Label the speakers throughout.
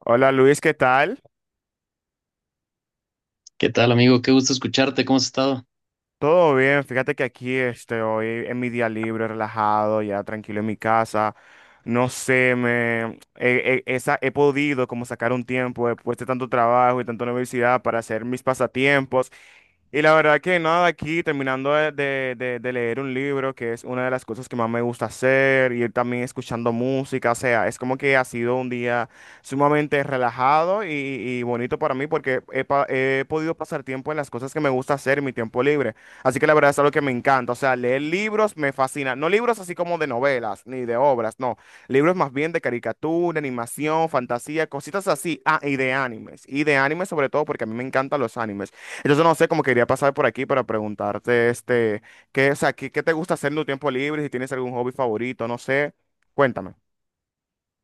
Speaker 1: Hola Luis, ¿qué tal?
Speaker 2: ¿Qué tal, amigo? Qué gusto escucharte. ¿Cómo has estado?
Speaker 1: Todo bien, fíjate que aquí hoy en mi día libre, relajado, ya tranquilo en mi casa. No sé, me he, he- esa, he podido como sacar un tiempo después de tanto trabajo y tanta universidad para hacer mis pasatiempos. Y la verdad que nada, aquí terminando de leer un libro, que es una de las cosas que más me gusta hacer, y también escuchando música. O sea, es como que ha sido un día sumamente relajado y bonito para mí porque he podido pasar tiempo en las cosas que me gusta hacer en mi tiempo libre. Así que la verdad es algo que me encanta. O sea, leer libros me fascina. No libros así como de novelas ni de obras, no. Libros más bien de caricatura, animación, fantasía, cositas así. Ah, y de animes. Y de animes sobre todo porque a mí me encantan los animes. Entonces no sé, cómo quería pasar por aquí para preguntarte, qué, o sea, qué, qué te gusta hacer en tu tiempo libre, si tienes algún hobby favorito, no sé. Cuéntame.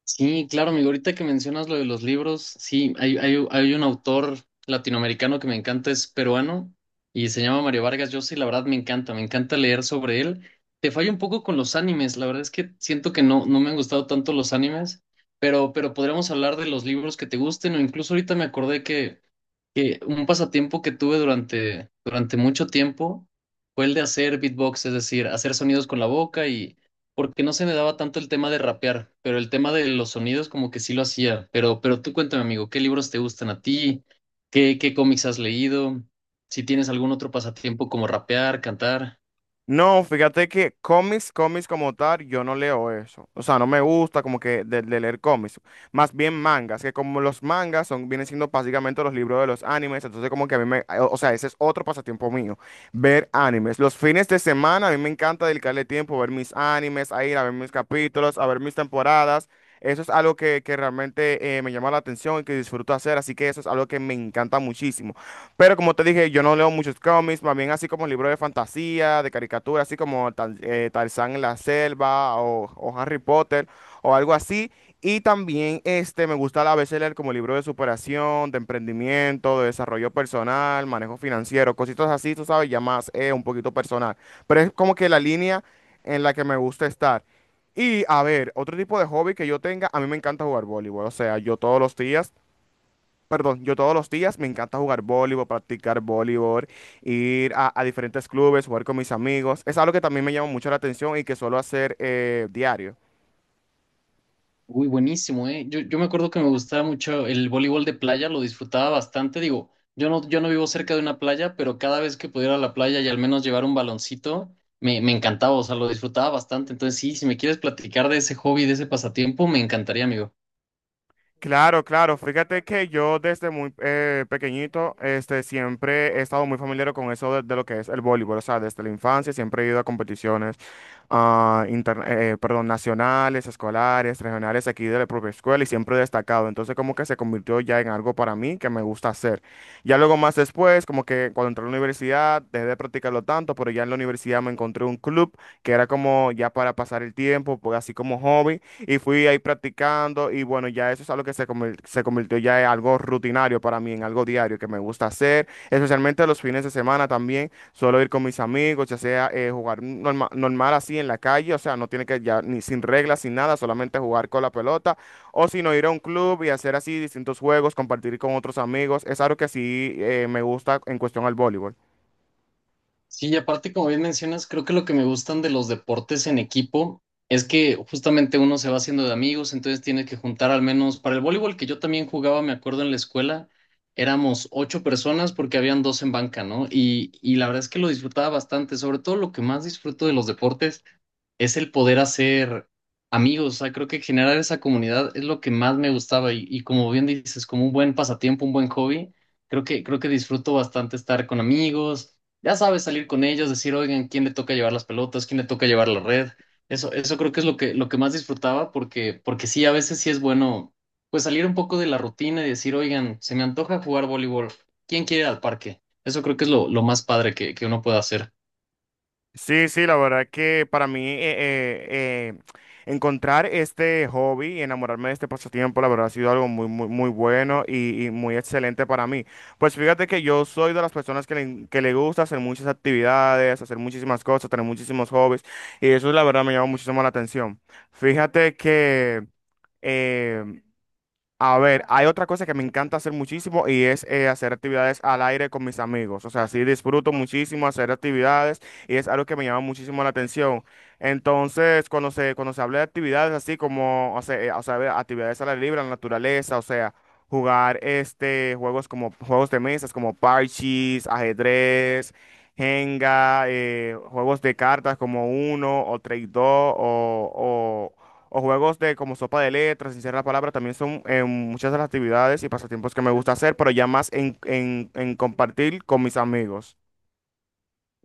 Speaker 2: Sí, claro, amigo. Ahorita que mencionas lo de los libros, sí, hay un autor latinoamericano que me encanta, es peruano y se llama Mario Vargas Llosa y la verdad me encanta leer sobre él. Te fallo un poco con los animes, la verdad es que siento que no me han gustado tanto los animes, pero podríamos hablar de los libros que te gusten o incluso ahorita me acordé que un pasatiempo que tuve durante mucho tiempo fue el de hacer beatbox, es decir, hacer sonidos con la boca y porque no se me daba tanto el tema de rapear, pero el tema de los sonidos como que sí lo hacía. Pero tú cuéntame, amigo, ¿qué libros te gustan a ti? ¿Qué cómics has leído? Si tienes algún otro pasatiempo como rapear, cantar.
Speaker 1: No, fíjate que cómics, cómics como tal, yo no leo eso. O sea, no me gusta como que de leer cómics. Más bien mangas, que como los mangas son, vienen siendo básicamente los libros de los animes. Entonces como que a mí me, o sea, ese es otro pasatiempo mío, ver animes. Los fines de semana a mí me encanta dedicarle tiempo a ver mis animes, a ir a ver mis capítulos, a ver mis temporadas. Eso es algo que realmente me llama la atención y que disfruto hacer. Así que eso es algo que me encanta muchísimo. Pero como te dije, yo no leo muchos cómics, más bien así como libros de fantasía, de caricatura, así como Tarzán en la selva o Harry Potter o algo así. Y también me gusta a veces leer como libros de superación, de emprendimiento, de desarrollo personal, manejo financiero, cositas así, tú sabes, ya más un poquito personal. Pero es como que la línea en la que me gusta estar. Y a ver, otro tipo de hobby que yo tenga, a mí me encanta jugar voleibol. O sea, yo todos los días. Perdón, yo todos los días me encanta jugar voleibol, practicar voleibol, ir a diferentes clubes, jugar con mis amigos. Es algo que también me llama mucho la atención y que suelo hacer diario.
Speaker 2: Uy, buenísimo, ¿eh? Yo me acuerdo que me gustaba mucho el voleibol de playa, lo disfrutaba bastante. Digo, yo no vivo cerca de una playa, pero cada vez que pudiera ir a la playa y al menos llevar un baloncito, me encantaba, o sea, lo disfrutaba bastante. Entonces, sí, si me quieres platicar de ese hobby, de ese pasatiempo, me encantaría, amigo.
Speaker 1: Claro, claro. Fíjate que yo desde muy pequeñito, siempre he estado muy familiar con eso de lo que es el voleibol. O sea, desde la infancia siempre he ido a competiciones, perdón, nacionales, escolares, regionales aquí de la propia escuela, y siempre he destacado. Entonces, como que se convirtió ya en algo para mí que me gusta hacer. Ya luego más después, como que cuando entré a la universidad, dejé de practicarlo tanto, pero ya en la universidad me encontré un club que era como ya para pasar el tiempo, pues así como hobby, y fui ahí practicando. Y bueno, ya eso es algo que se convirtió ya en algo rutinario para mí, en algo diario que me gusta hacer, especialmente los fines de semana también, suelo ir con mis amigos, ya sea jugar normal así en la calle, o sea, no tiene que ya ni sin reglas, sin nada, solamente jugar con la pelota, o si no ir a un club y hacer así distintos juegos, compartir con otros amigos. Es algo que sí me gusta en cuestión al voleibol.
Speaker 2: Sí, y aparte, como bien mencionas, creo que lo que me gustan de los deportes en equipo es que justamente uno se va haciendo de amigos, entonces tiene que juntar al menos para el voleibol que yo también jugaba, me acuerdo en la escuela, éramos ocho personas porque habían dos en banca, ¿no? Y la verdad es que lo disfrutaba bastante, sobre todo lo que más disfruto de los deportes es el poder hacer amigos, o sea, creo que generar esa comunidad es lo que más me gustaba y como bien dices, como un buen pasatiempo, un buen hobby, creo que disfruto bastante estar con amigos, ya sabes, salir con ellos, decir, oigan, ¿quién le toca llevar las pelotas? ¿Quién le toca llevar la red? Eso creo que es lo que más disfrutaba porque sí, a veces sí es bueno, pues salir un poco de la rutina y decir, oigan, se me antoja jugar voleibol, ¿quién quiere ir al parque? Eso creo que es lo más padre que uno puede hacer.
Speaker 1: Sí, sí, la verdad que para mí encontrar este hobby y enamorarme de este pasatiempo, la verdad ha sido algo muy, muy, muy bueno y muy excelente para mí. Pues fíjate que yo soy de las personas que le gusta hacer muchas actividades, hacer muchísimas cosas, tener muchísimos hobbies, y eso la verdad me llama muchísimo la atención. Fíjate que… eh, a ver, hay otra cosa que me encanta hacer muchísimo y es hacer actividades al aire con mis amigos. O sea, sí disfruto muchísimo hacer actividades y es algo que me llama muchísimo la atención. Entonces, cuando se habla de actividades así como, o sea, de actividades al aire libre, en la naturaleza, o sea, jugar juegos como juegos de mesas, como parches, ajedrez, Jenga, juegos de cartas como Uno o Trade 2 o, o juegos de como sopa de letras, sin ser la palabra, también son muchas de las actividades y pasatiempos que me gusta hacer, pero ya más en, en compartir con mis amigos.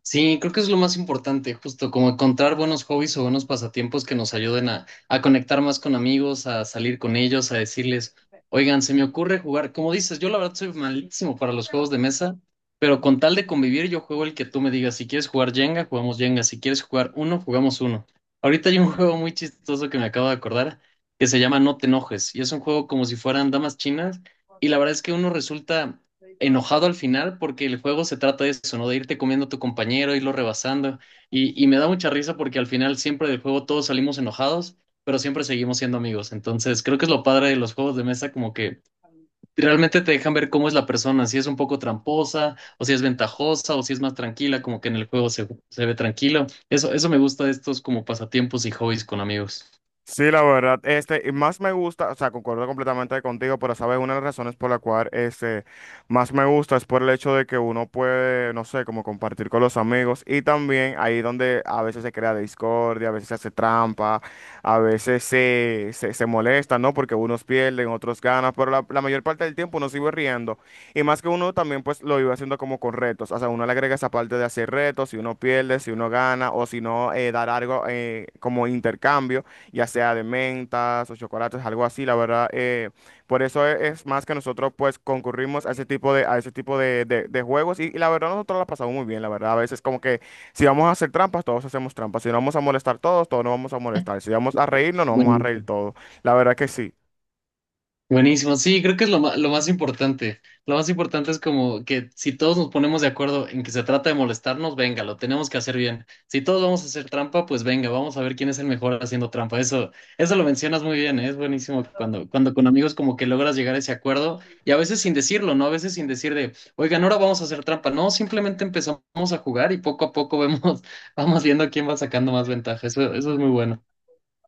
Speaker 2: Sí, creo que es lo más importante, justo como encontrar buenos hobbies o buenos pasatiempos que nos ayuden a conectar más con amigos, a salir con ellos, a decirles, oigan, se me ocurre jugar, como dices, yo la verdad soy malísimo para los juegos de mesa, pero con tal de convivir yo juego el que tú me digas, si quieres jugar Jenga, jugamos Jenga, si quieres jugar uno, jugamos uno. Ahorita hay un juego muy chistoso que me acabo de acordar que se llama No te enojes y es un juego como si fueran damas chinas y la verdad es que uno resulta enojado al final porque el juego se trata de eso, ¿no? De irte comiendo a tu compañero, irlo rebasando. Y me da mucha risa porque al final siempre del juego todos salimos enojados, pero siempre seguimos siendo amigos. Entonces creo que es lo padre de los juegos de mesa, como que realmente te dejan ver cómo es la persona, si es un poco tramposa, o si es ventajosa, o si es más tranquila, como que en el juego se, se ve tranquilo. Eso me gusta de estos como pasatiempos y hobbies con amigos.
Speaker 1: Sí, la verdad, y más me gusta, o sea, concuerdo completamente contigo, pero sabes, una de las razones por la cual, más me gusta es por el hecho de que uno puede, no sé, como compartir con los amigos. Y también ahí donde a veces se crea discordia, a veces se hace trampa, a veces se molesta, ¿no? Porque unos pierden, otros ganan, pero la mayor parte del tiempo uno sigue riendo. Y más que uno también, pues, lo iba haciendo como con retos, o sea, uno le agrega esa parte de hacer retos, si uno pierde, si uno gana, o si no, dar algo como intercambio, ya sea de mentas o chocolates, algo así, la verdad. Por eso es, más que nosotros pues concurrimos a ese tipo de, a ese tipo de juegos, y la verdad nosotros la pasamos muy bien, la verdad. A veces como que si vamos a hacer trampas, todos hacemos trampas. Si nos vamos a molestar todos, todos nos vamos a molestar. Si vamos a reírnos, nos vamos a reír
Speaker 2: Buenísimo.
Speaker 1: todos. La verdad que sí.
Speaker 2: Buenísimo, sí, creo que es lo más importante. Lo más importante es como que si todos nos ponemos de acuerdo en que se trata de molestarnos, venga, lo tenemos que hacer bien. Si todos vamos a hacer trampa, pues venga, vamos a ver quién es el mejor haciendo trampa. Eso lo mencionas muy bien, ¿eh? Es buenísimo cuando con amigos como que logras llegar a ese acuerdo y a veces sin decirlo, ¿no? A veces sin decir de, oigan, ahora vamos a hacer trampa. No, simplemente empezamos a jugar y poco a poco vemos, vamos viendo quién va sacando más ventaja. Eso es muy bueno.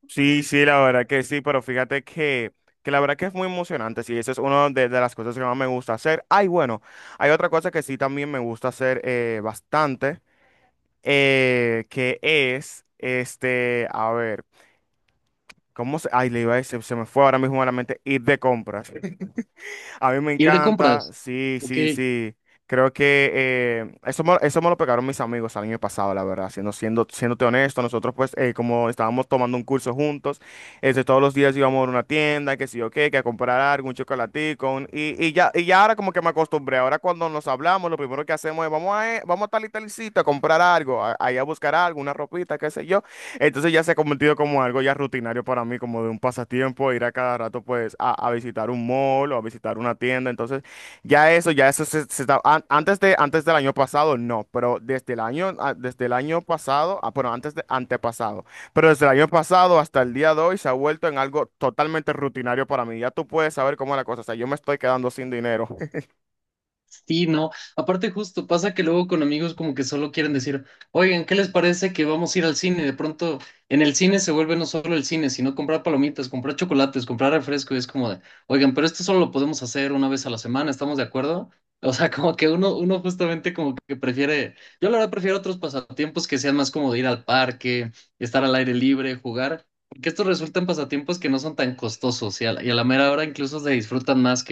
Speaker 1: Sí, sí, la verdad que sí, pero fíjate que la verdad que es muy emocionante. Sí, eso es una de las cosas que más me gusta hacer. Ay, bueno, hay otra cosa que sí también me gusta hacer bastante. Que es, a ver, ¿cómo se? Ay, le iba a decir, se me fue ahora mismo a la mente, ir de compras. A mí me
Speaker 2: Ir de
Speaker 1: encanta,
Speaker 2: compras.
Speaker 1: sí,
Speaker 2: Ok.
Speaker 1: sí, sí. Creo que eso me lo pegaron mis amigos el año pasado, la verdad. Siéndote honesto, nosotros pues como estábamos tomando un curso juntos, todos los días íbamos a una tienda, que sí o qué, que a comprar algo, un chocolatico, y ya ahora como que me acostumbré. Ahora cuando nos hablamos, lo primero que hacemos es vamos vamos a tal y tal sitio a comprar algo, a ir a buscar algo, una ropita, qué sé yo. Entonces ya se ha convertido como algo ya rutinario para mí, como de un pasatiempo, ir a cada rato pues a visitar un mall o a visitar una tienda. Entonces ya eso, antes antes del año pasado no, pero desde el año, ah, desde el año pasado, ah, bueno, antes de antepasado, pero desde el año pasado hasta el día de hoy se ha vuelto en algo totalmente rutinario para mí. Ya tú puedes saber cómo es la cosa, o sea, yo me estoy quedando sin dinero.
Speaker 2: Sí, no. Aparte, justo pasa que luego con amigos como que solo quieren decir, oigan, ¿qué les parece que vamos a ir al cine? De pronto en el cine se vuelve no solo el cine, sino comprar palomitas, comprar chocolates, comprar refresco. Y es como de, oigan, pero esto solo lo podemos hacer una vez a la semana, ¿estamos de acuerdo? O sea, como que uno justamente como que prefiere, yo la verdad prefiero otros pasatiempos que sean más como de ir al parque, estar al aire libre, jugar, porque estos resultan pasatiempos que no son tan costosos y a la mera hora incluso se disfrutan más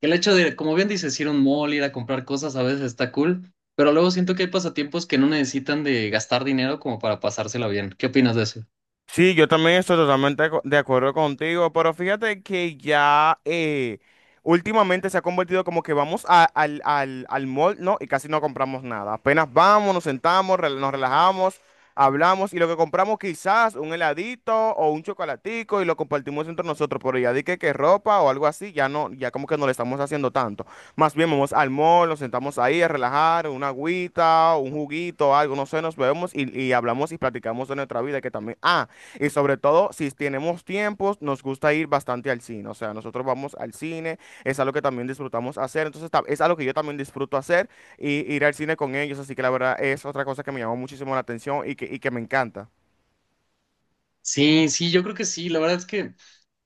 Speaker 2: el hecho de, como bien dices, ir a un mall, ir a comprar cosas a veces está cool, pero luego siento que hay pasatiempos que no necesitan de gastar dinero como para pasársela bien. ¿Qué opinas de eso?
Speaker 1: Sí, yo también estoy totalmente de acuerdo contigo, pero fíjate que ya últimamente se ha convertido como que vamos al mall, ¿no? Y casi no compramos nada. Apenas vamos, nos sentamos, nos relajamos, hablamos, y lo que compramos quizás un heladito o un chocolatico y lo compartimos entre nosotros, pero ya di que ropa o algo así, ya no, ya como que no le estamos haciendo tanto. Más bien vamos al mall, nos sentamos ahí a relajar, una agüita, un juguito, algo, no sé, nos vemos y hablamos y platicamos de nuestra vida que también… Ah, y sobre todo, si tenemos tiempos, nos gusta ir bastante al cine. O sea, nosotros vamos al cine, es algo que también disfrutamos hacer. Entonces, es algo que yo también disfruto hacer y ir al cine con ellos. Así que la verdad es otra cosa que me llamó muchísimo la atención y que me encanta.
Speaker 2: Sí, sí, yo creo que sí. La verdad es que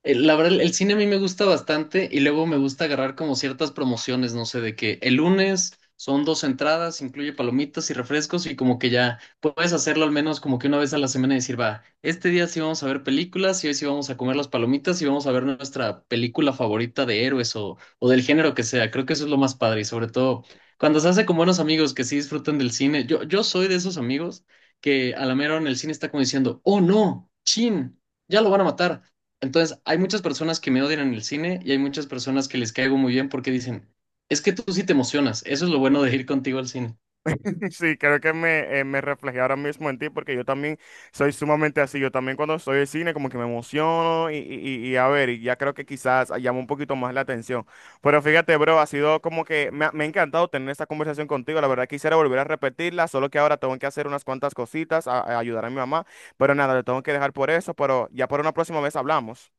Speaker 2: Eh, La verdad, el cine a mí me gusta bastante y luego me gusta agarrar como ciertas promociones, no sé, de que el lunes son dos entradas, incluye palomitas y refrescos y como que ya puedes hacerlo al menos como que una vez a la semana y decir, va, este día sí vamos a ver películas y hoy sí vamos a comer las palomitas y vamos a ver nuestra película favorita de héroes o del género que sea. Creo que eso es lo más padre y sobre todo cuando se hace con buenos amigos que sí disfrutan del cine. Yo soy de esos amigos que a la mera hora en el cine está como diciendo, oh no, chin, ya lo van a matar. Entonces, hay muchas personas que me odian en el cine y hay muchas personas que les caigo muy bien porque dicen, es que tú sí te emocionas, eso es lo bueno de ir contigo al cine.
Speaker 1: Sí, creo que me reflejé ahora mismo en ti, porque yo también soy sumamente así. Yo también cuando estoy en cine como que me emociono y a ver, y ya creo que quizás llama un poquito más la atención. Pero fíjate, bro, ha sido como que me ha encantado tener esta conversación contigo. La verdad quisiera volver a repetirla, solo que ahora tengo que hacer unas cuantas cositas, a ayudar a mi mamá. Pero nada, le tengo que dejar por eso, pero ya por una próxima vez hablamos.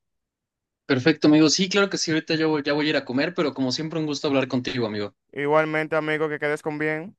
Speaker 2: Perfecto, amigo. Sí, claro que sí, ahorita ya voy a ir a comer, pero como siempre un gusto hablar contigo, amigo.
Speaker 1: Igualmente, amigo, que quedes con bien.